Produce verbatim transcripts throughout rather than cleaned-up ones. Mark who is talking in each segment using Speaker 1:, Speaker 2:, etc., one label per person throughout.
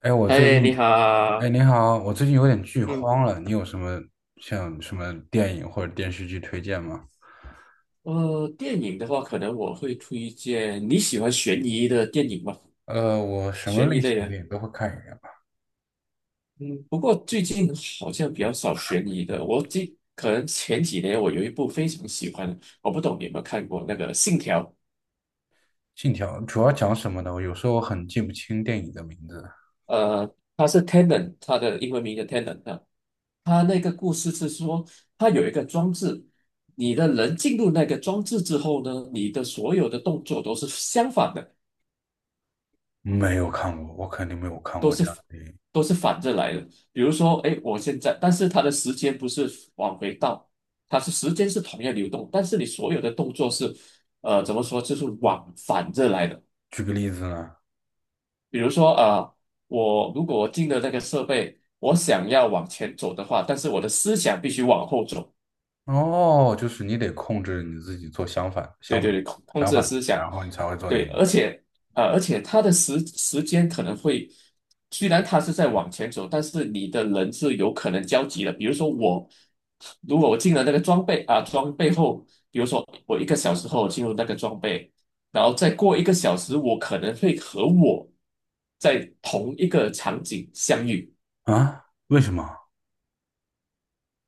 Speaker 1: 哎，我最
Speaker 2: 哎，你
Speaker 1: 近，哎，
Speaker 2: 好。
Speaker 1: 你好，我最近有点剧
Speaker 2: 嗯。
Speaker 1: 荒了，你有什么像什么电影或者电视剧推荐吗？
Speaker 2: 呃，电影的话，可能我会推荐你喜欢悬疑的电影吗？
Speaker 1: 呃，我什么
Speaker 2: 悬疑
Speaker 1: 类
Speaker 2: 类
Speaker 1: 型的
Speaker 2: 的。
Speaker 1: 电影都会看一点吧。
Speaker 2: 嗯，不过最近好像比较少悬疑的。我记，可能前几年我有一部非常喜欢的，我不懂你有没有看过那个《信条》？
Speaker 1: 《信条》主要讲什么的？我有时候很记不清电影的名字，
Speaker 2: 呃，它是 Tenet，它的英文名叫 Tenet 啊。它那个故事是说，它有一个装置，你的人进入那个装置之后呢，你的所有的动作都是相反的。
Speaker 1: 没有看过，我肯定没有看
Speaker 2: 都
Speaker 1: 过这
Speaker 2: 是
Speaker 1: 样的电影。
Speaker 2: 都是反着来的。比如说，哎，我现在，但是它的时间不是往回倒，它是时间是同样流动，但是你所有的动作是，呃，怎么说，就是往反着来的。
Speaker 1: 举个例子呢，
Speaker 2: 比如说，呃，我如果我进了那个设备，我想要往前走的话，但是我的思想必须往后走。
Speaker 1: 哦，就是你得控制你自己做相反、
Speaker 2: 对
Speaker 1: 相反、
Speaker 2: 对对，控控
Speaker 1: 相
Speaker 2: 制的
Speaker 1: 反的
Speaker 2: 思想。
Speaker 1: 然后你才会做那个。
Speaker 2: 对，而且呃，而且他的时时间可能会，虽然他是在往前走，但是你的人是有可能交集的。比如说我，如果我进了那个装备啊，装备后，比如说我一个小时后进入那个装备，然后再过一个小时，我可能会和我在同一个场景相遇。
Speaker 1: 啊？为什么？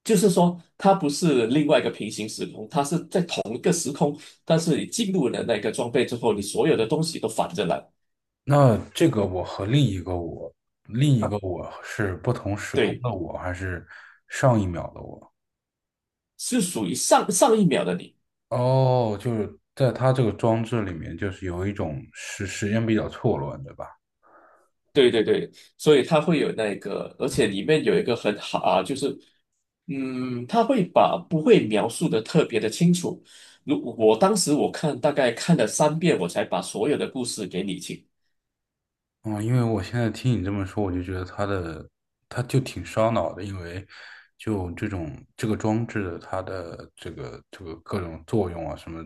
Speaker 2: 就是说，它不是另外一个平行时空，它是在同一个时空，但是你进入了那个装备之后，你所有的东西都反着来。
Speaker 1: 那这个我和另一个我，另一个我是不同时空
Speaker 2: 对，
Speaker 1: 的我，还是上一秒的我？
Speaker 2: 是属于上上一秒的你。
Speaker 1: 哦，就是在他这个装置里面，就是有一种时时间比较错乱，对吧？
Speaker 2: 对对对，所以它会有那个，而且里面有一个很好啊，就是，嗯，它会把不会描述的特别的清楚。如我当时我看大概看了三遍，我才把所有的故事给理清。
Speaker 1: 嗯，因为我现在听你这么说，我就觉得它的，它就挺烧脑的，因为就这种这个装置，它的这个这个各种作用啊什么，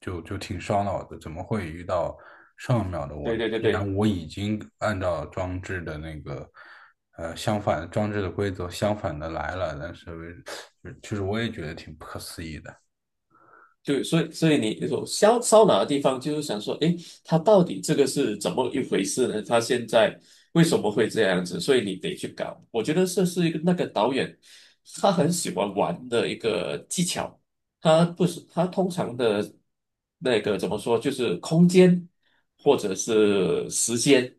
Speaker 1: 就就挺烧脑的。怎么会遇到上一秒的我
Speaker 2: 对
Speaker 1: 呢？
Speaker 2: 对对
Speaker 1: 既然
Speaker 2: 对。
Speaker 1: 我已经按照装置的那个，呃，相反装置的规则相反的来了，但是为 就是我也觉得挺不可思议的。
Speaker 2: 对，所以所以你说烧烧脑的地方，就是想说，诶，他到底这个是怎么一回事呢？他现在为什么会这样子？所以你得去搞。我觉得这是一个那个导演他很喜欢玩的一个技巧。他不是他通常的那个怎么说，就是空间或者是时间。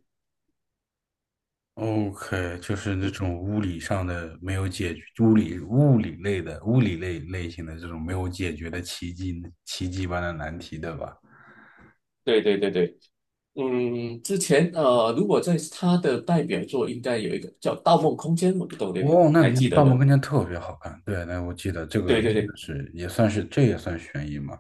Speaker 1: OK，就是那种物理上的没有解决，物理物理类的物理类类型的这种没有解决的奇迹奇迹般的难题，对吧？
Speaker 2: 对对对对。嗯，之前呃，如果在他的代表作应该有一个叫《盗梦空间》，我不懂这个，
Speaker 1: 哦，
Speaker 2: 你
Speaker 1: 那
Speaker 2: 还
Speaker 1: 你
Speaker 2: 记得
Speaker 1: 《盗梦
Speaker 2: 吧？
Speaker 1: 空间》特别好看，对，那我记得这个
Speaker 2: 对对
Speaker 1: 真的
Speaker 2: 对。
Speaker 1: 是也算是这也算悬疑嘛？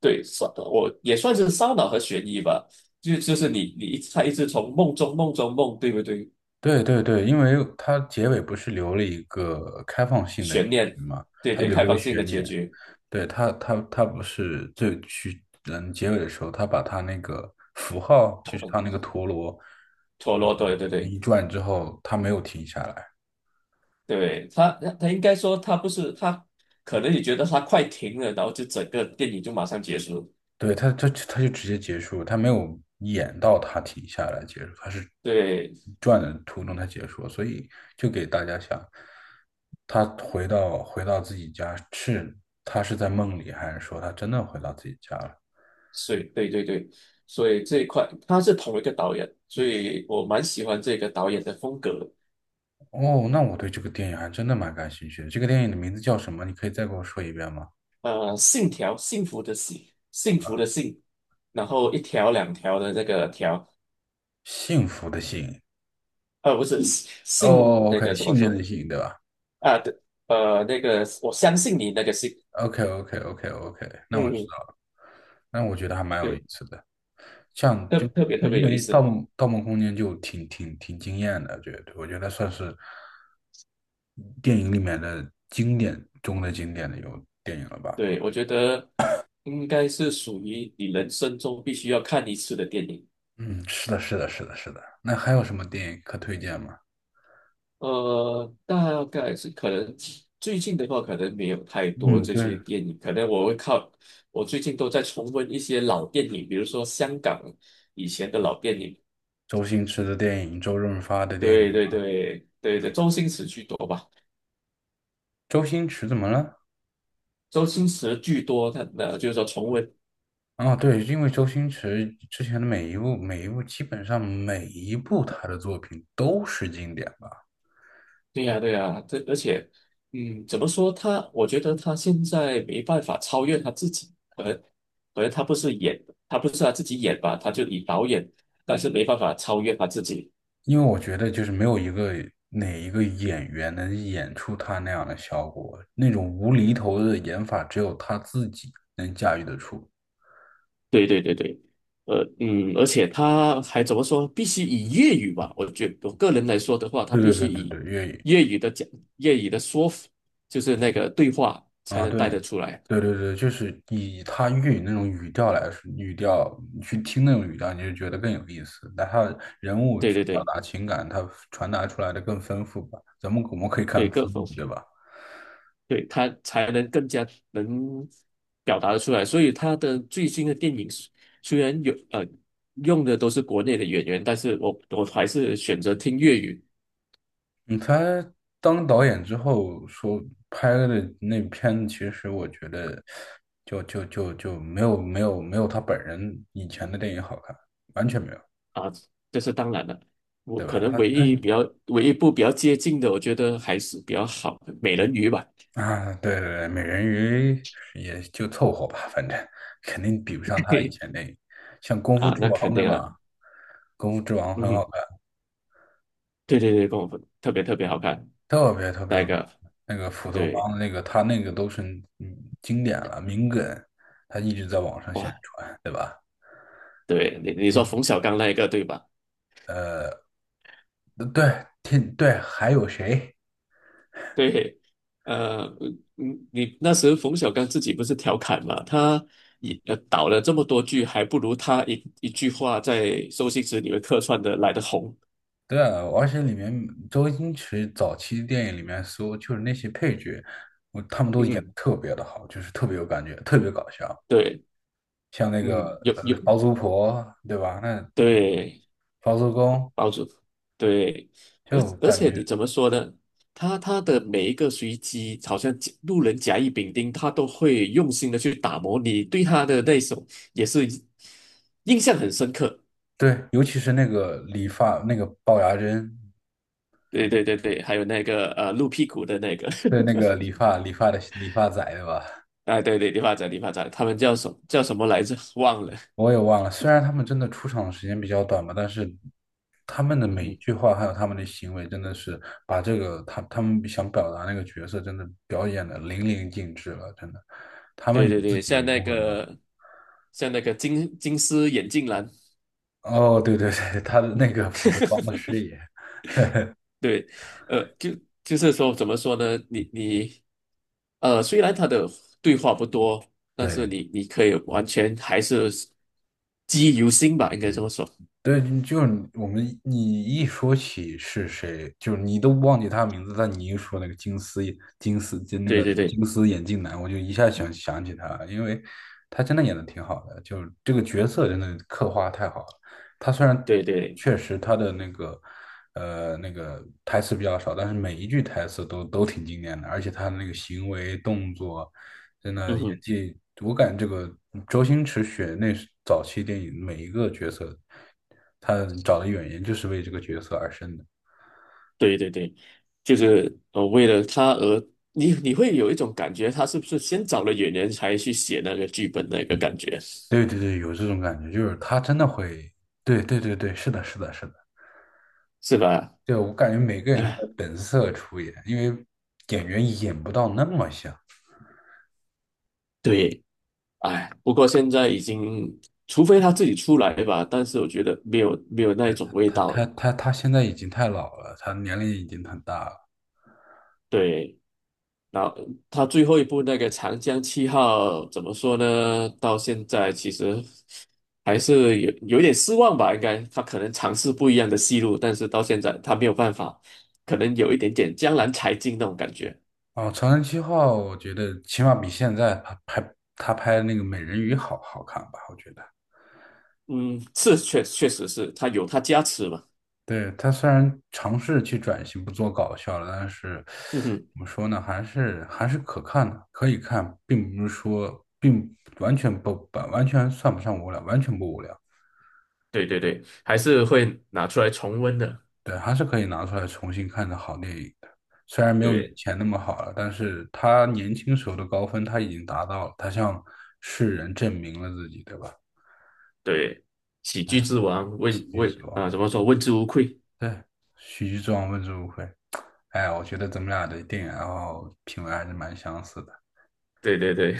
Speaker 2: 对，算我也算是烧脑和悬疑吧，就就是你你一他一直从梦中梦中梦，对不对？
Speaker 1: 对对对，因为它结尾不是留了一个开放性的结
Speaker 2: 悬念。
Speaker 1: 局嘛，
Speaker 2: 对
Speaker 1: 它
Speaker 2: 对，
Speaker 1: 留
Speaker 2: 开
Speaker 1: 了个
Speaker 2: 放性
Speaker 1: 悬
Speaker 2: 的结
Speaker 1: 念，
Speaker 2: 局。
Speaker 1: 对，他，他他不是最去嗯结尾的时候，他把他那个符号，就是他那个陀螺
Speaker 2: 陀螺，对对对
Speaker 1: 一一转之后，他没有停下来，
Speaker 2: 对。他他应该说他不是他，可能你觉得他快停了，然后就整个电影就马上结束。
Speaker 1: 对他，他他就直接结束他没有演到他停下来结束，他是
Speaker 2: 对，
Speaker 1: 转的途中他结束所以就给大家想，他回到回到自己家是他是在梦里，还是说他真的回到自己家了？
Speaker 2: 所以对对对，所以这一块他是同一个导演，所以我蛮喜欢这个导演的风格的。
Speaker 1: 哦，那我对这个电影还真的蛮感兴趣的。这个电影的名字叫什么？你可以再给我说一遍吗？
Speaker 2: 呃，信条，幸福的幸，幸福的幸，然后一条两条的那个条。
Speaker 1: 幸福的幸。
Speaker 2: 呃，不是信
Speaker 1: 哦
Speaker 2: 信
Speaker 1: 哦哦
Speaker 2: 那
Speaker 1: ，OK，
Speaker 2: 个怎么
Speaker 1: 信任
Speaker 2: 说
Speaker 1: 的信，对吧
Speaker 2: 啊？对。呃，那个我相信你那个信。
Speaker 1: ？OK，OK，OK，OK，那我
Speaker 2: 嗯。
Speaker 1: 知
Speaker 2: 嗯
Speaker 1: 道了。那我觉得还蛮有意
Speaker 2: 对，
Speaker 1: 思的。像
Speaker 2: 特
Speaker 1: 就
Speaker 2: 特别特别
Speaker 1: 因
Speaker 2: 有意
Speaker 1: 为《盗
Speaker 2: 思。
Speaker 1: 梦盗梦空间》就挺挺挺惊艳的，觉得我觉得算是电影里面的经典中的经典的有电影了吧？
Speaker 2: 对，我觉得应该是属于你人生中必须要看一次的电影。
Speaker 1: 嗯，是的，是的，是的，是的。那还有什么电影可推荐吗？
Speaker 2: 呃，大概是可能最近的话，可能没有太多
Speaker 1: 嗯，
Speaker 2: 这
Speaker 1: 对，
Speaker 2: 些电影，可能我会靠我最近都在重温一些老电影，比如说香港以前的老电影。
Speaker 1: 周星驰的电影，周润发的电影。
Speaker 2: 对对对对对，周星驰居多吧。
Speaker 1: 周星驰怎么了？
Speaker 2: 周星驰巨多，他呃就是说重温。
Speaker 1: 啊，对，因为周星驰之前的每一部、每一部，基本上每一部他的作品都是经典吧。
Speaker 2: 对呀、对呀、这而且，嗯，怎么说他？我觉得他现在没办法超越他自己，可能可能他不是演，他不是他自己演吧，他就以导演，但是没办法超越他自己。
Speaker 1: 因为我觉得就是没有一个哪一个演员能演出他那样的效果，那种无厘头的演法，只有他自己能驾驭得出。
Speaker 2: 对对对对，呃嗯，而且他还怎么说？必须以粤语吧？我觉我个人来说的话，他
Speaker 1: 对
Speaker 2: 必
Speaker 1: 对
Speaker 2: 须
Speaker 1: 对对
Speaker 2: 以
Speaker 1: 对，粤语。
Speaker 2: 粤语的讲粤语的说，就是那个对话才
Speaker 1: 啊，
Speaker 2: 能
Speaker 1: 对，
Speaker 2: 带得出来。
Speaker 1: 对对对，就是以他粤语那种语调来说，语调你去听那种语调，你就觉得更有意思。但他人物
Speaker 2: 对
Speaker 1: 去
Speaker 2: 对
Speaker 1: 表
Speaker 2: 对
Speaker 1: 达情感，他传达出来的更丰富吧。咱们我们可以
Speaker 2: 对，
Speaker 1: 看
Speaker 2: 各
Speaker 1: 字
Speaker 2: 方
Speaker 1: 幕，对吧？
Speaker 2: 对，他才能更加能表达的出来。所以他的最新的电影虽虽然有呃用的都是国内的演员，但是我我还是选择听粤语
Speaker 1: 嗯，他当导演之后说拍的那片子其实我觉得就就就就没有没有没有他本人以前的电影好看，完全没有，
Speaker 2: 啊，这是当然了。我
Speaker 1: 对吧？
Speaker 2: 可能
Speaker 1: 他
Speaker 2: 唯
Speaker 1: 他
Speaker 2: 一比较唯一一部比较接近的，我觉得还是比较好的《美人鱼》吧。
Speaker 1: 啊，对对对，美人鱼也就凑合吧，反正肯定比不上 他以
Speaker 2: 嘿
Speaker 1: 前那个像《功夫
Speaker 2: 啊，
Speaker 1: 之
Speaker 2: 那
Speaker 1: 王》
Speaker 2: 肯
Speaker 1: 对
Speaker 2: 定啊。
Speaker 1: 吧？《功夫之王》很好
Speaker 2: 嗯，
Speaker 1: 看，
Speaker 2: 对对对，跟我分特别特别好看
Speaker 1: 特别特别
Speaker 2: 那一
Speaker 1: 好。
Speaker 2: 个。
Speaker 1: 那个斧头
Speaker 2: 对。
Speaker 1: 帮那个他那个都是嗯经典了，名梗，他一直在网上宣
Speaker 2: 哇，
Speaker 1: 传，对吧？
Speaker 2: 对你你说冯
Speaker 1: 对
Speaker 2: 小刚那一个对吧？
Speaker 1: 对天，对，还有谁？
Speaker 2: 对。呃，嗯，你那时候冯小刚自己不是调侃嘛，他也呃导了这么多剧，还不如他一一句话在周星驰里面客串的来的红。
Speaker 1: 对啊，而且里面周星驰早期电影里面所有就是那些配角，我他们都演的
Speaker 2: 嗯。
Speaker 1: 特别的好，就是特别有感觉，特别搞笑。
Speaker 2: 对。
Speaker 1: 像那个
Speaker 2: 嗯，有
Speaker 1: 呃
Speaker 2: 有。
Speaker 1: 包租婆，对吧？那
Speaker 2: 对。
Speaker 1: 包租公
Speaker 2: 包住。对。而
Speaker 1: 就
Speaker 2: 而
Speaker 1: 感
Speaker 2: 且
Speaker 1: 觉
Speaker 2: 你怎么说呢？他他的每一个随机，好像甲路人甲乙丙丁，他都会用心的去打磨你对他的那一首，也是印象很深刻。
Speaker 1: 对，尤其是那个理发那个龅牙珍，
Speaker 2: 对对对对，还有那个呃露屁股的那个。
Speaker 1: 对那个理发理发的理发仔，对吧？
Speaker 2: 啊对对，理发展理发展，他们叫什么叫什么来着？忘了。
Speaker 1: 我也忘了，虽然他们真的出场的时间比较短吧，但是他们的
Speaker 2: 嗯
Speaker 1: 每一
Speaker 2: 哼。
Speaker 1: 句话还有他们的行为，真的是把这个他他们想表达那个角色，真的表演的淋漓尽致了，真的，他们
Speaker 2: 对
Speaker 1: 有
Speaker 2: 对
Speaker 1: 自
Speaker 2: 对，
Speaker 1: 己的
Speaker 2: 像
Speaker 1: 灵
Speaker 2: 那
Speaker 1: 魂了。
Speaker 2: 个像那个金金丝眼镜男。
Speaker 1: 哦，对对对，他的那个斧头帮的师 爷，
Speaker 2: 对。呃，就就是说怎么说呢？你你呃，虽然他的对话不多，但是
Speaker 1: 对。
Speaker 2: 你你可以完全还是记忆犹新吧，应该这么说。
Speaker 1: 对，就是我们你一说起是谁，就是你都忘记他的名字，但你一说那个金丝眼金丝就那
Speaker 2: 对
Speaker 1: 个
Speaker 2: 对对
Speaker 1: 金丝眼镜男，我就一下想想起他了因为他真的演的挺好的，就是这个角色真的刻画太好了。他虽然
Speaker 2: 对对。
Speaker 1: 确实他的那个呃那个台词比较少，但是每一句台词都都挺经典的，而且他的那个行为动作。真的
Speaker 2: 嗯
Speaker 1: 演
Speaker 2: 哼。
Speaker 1: 技，我感觉这个周星驰选那时早期电影每一个角色，他找的演员就是为这个角色而生的。
Speaker 2: 对对对，就是呃，为了他而你你会有一种感觉，他是不是先找了演员才去写那个剧本那个感觉，
Speaker 1: 对对对，有这种感觉，就是他真的会，对对对对，是的，是的，是的，
Speaker 2: 是吧？
Speaker 1: 对，我感觉每个 人都
Speaker 2: 哎，
Speaker 1: 在本色出演，因为演员演不到那么像。
Speaker 2: 对。哎，不过现在已经，除非他自己出来吧，但是我觉得没有没有那一种味
Speaker 1: 他
Speaker 2: 道
Speaker 1: 他
Speaker 2: 了。
Speaker 1: 他他现在已经太老了，他年龄已经很大了。
Speaker 2: 对。然后他最后一部那个《长江七号》怎么说呢？到现在其实还是有有一点失望吧，应该他可能尝试不一样的戏路，但是到现在他没有办法，可能有一点点江郎才尽那种感觉。
Speaker 1: 哦，《长城七号》我觉得起码比现在他拍他拍那个《美人鱼》好好看吧，我觉得。
Speaker 2: 嗯，是确确实是他有他加持嘛。
Speaker 1: 对，他虽然尝试去转型不做搞笑了，但是
Speaker 2: 嗯哼。
Speaker 1: 怎么说呢，还是还是可看的，可以看，并不是说并完全不不完全算不上无聊，完全不无聊。
Speaker 2: 对对对，还是会拿出来重温的。
Speaker 1: 对，还是可以拿出来重新看的好电影的。虽然没有以
Speaker 2: 对
Speaker 1: 前那么好了，但是他年轻时候的高分他已经达到了，他向世人证明了自己，对吧？
Speaker 2: 对，喜剧之王问
Speaker 1: 喜剧之
Speaker 2: 问
Speaker 1: 王，
Speaker 2: 啊，怎么说问之无愧？
Speaker 1: 对，喜剧之王问之无愧。哎，我觉得咱们俩的电影爱好品味还是蛮相似的。
Speaker 2: 对对对。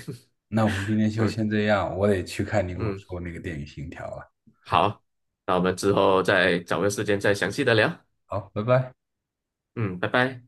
Speaker 1: 那我们今天 就
Speaker 2: 嗯
Speaker 1: 先这样，我得去看你给我
Speaker 2: 嗯。
Speaker 1: 说那个电影《信条》了。
Speaker 2: 好，那我们之后再找个时间再详细的聊。
Speaker 1: 好，拜拜。
Speaker 2: 嗯，拜拜。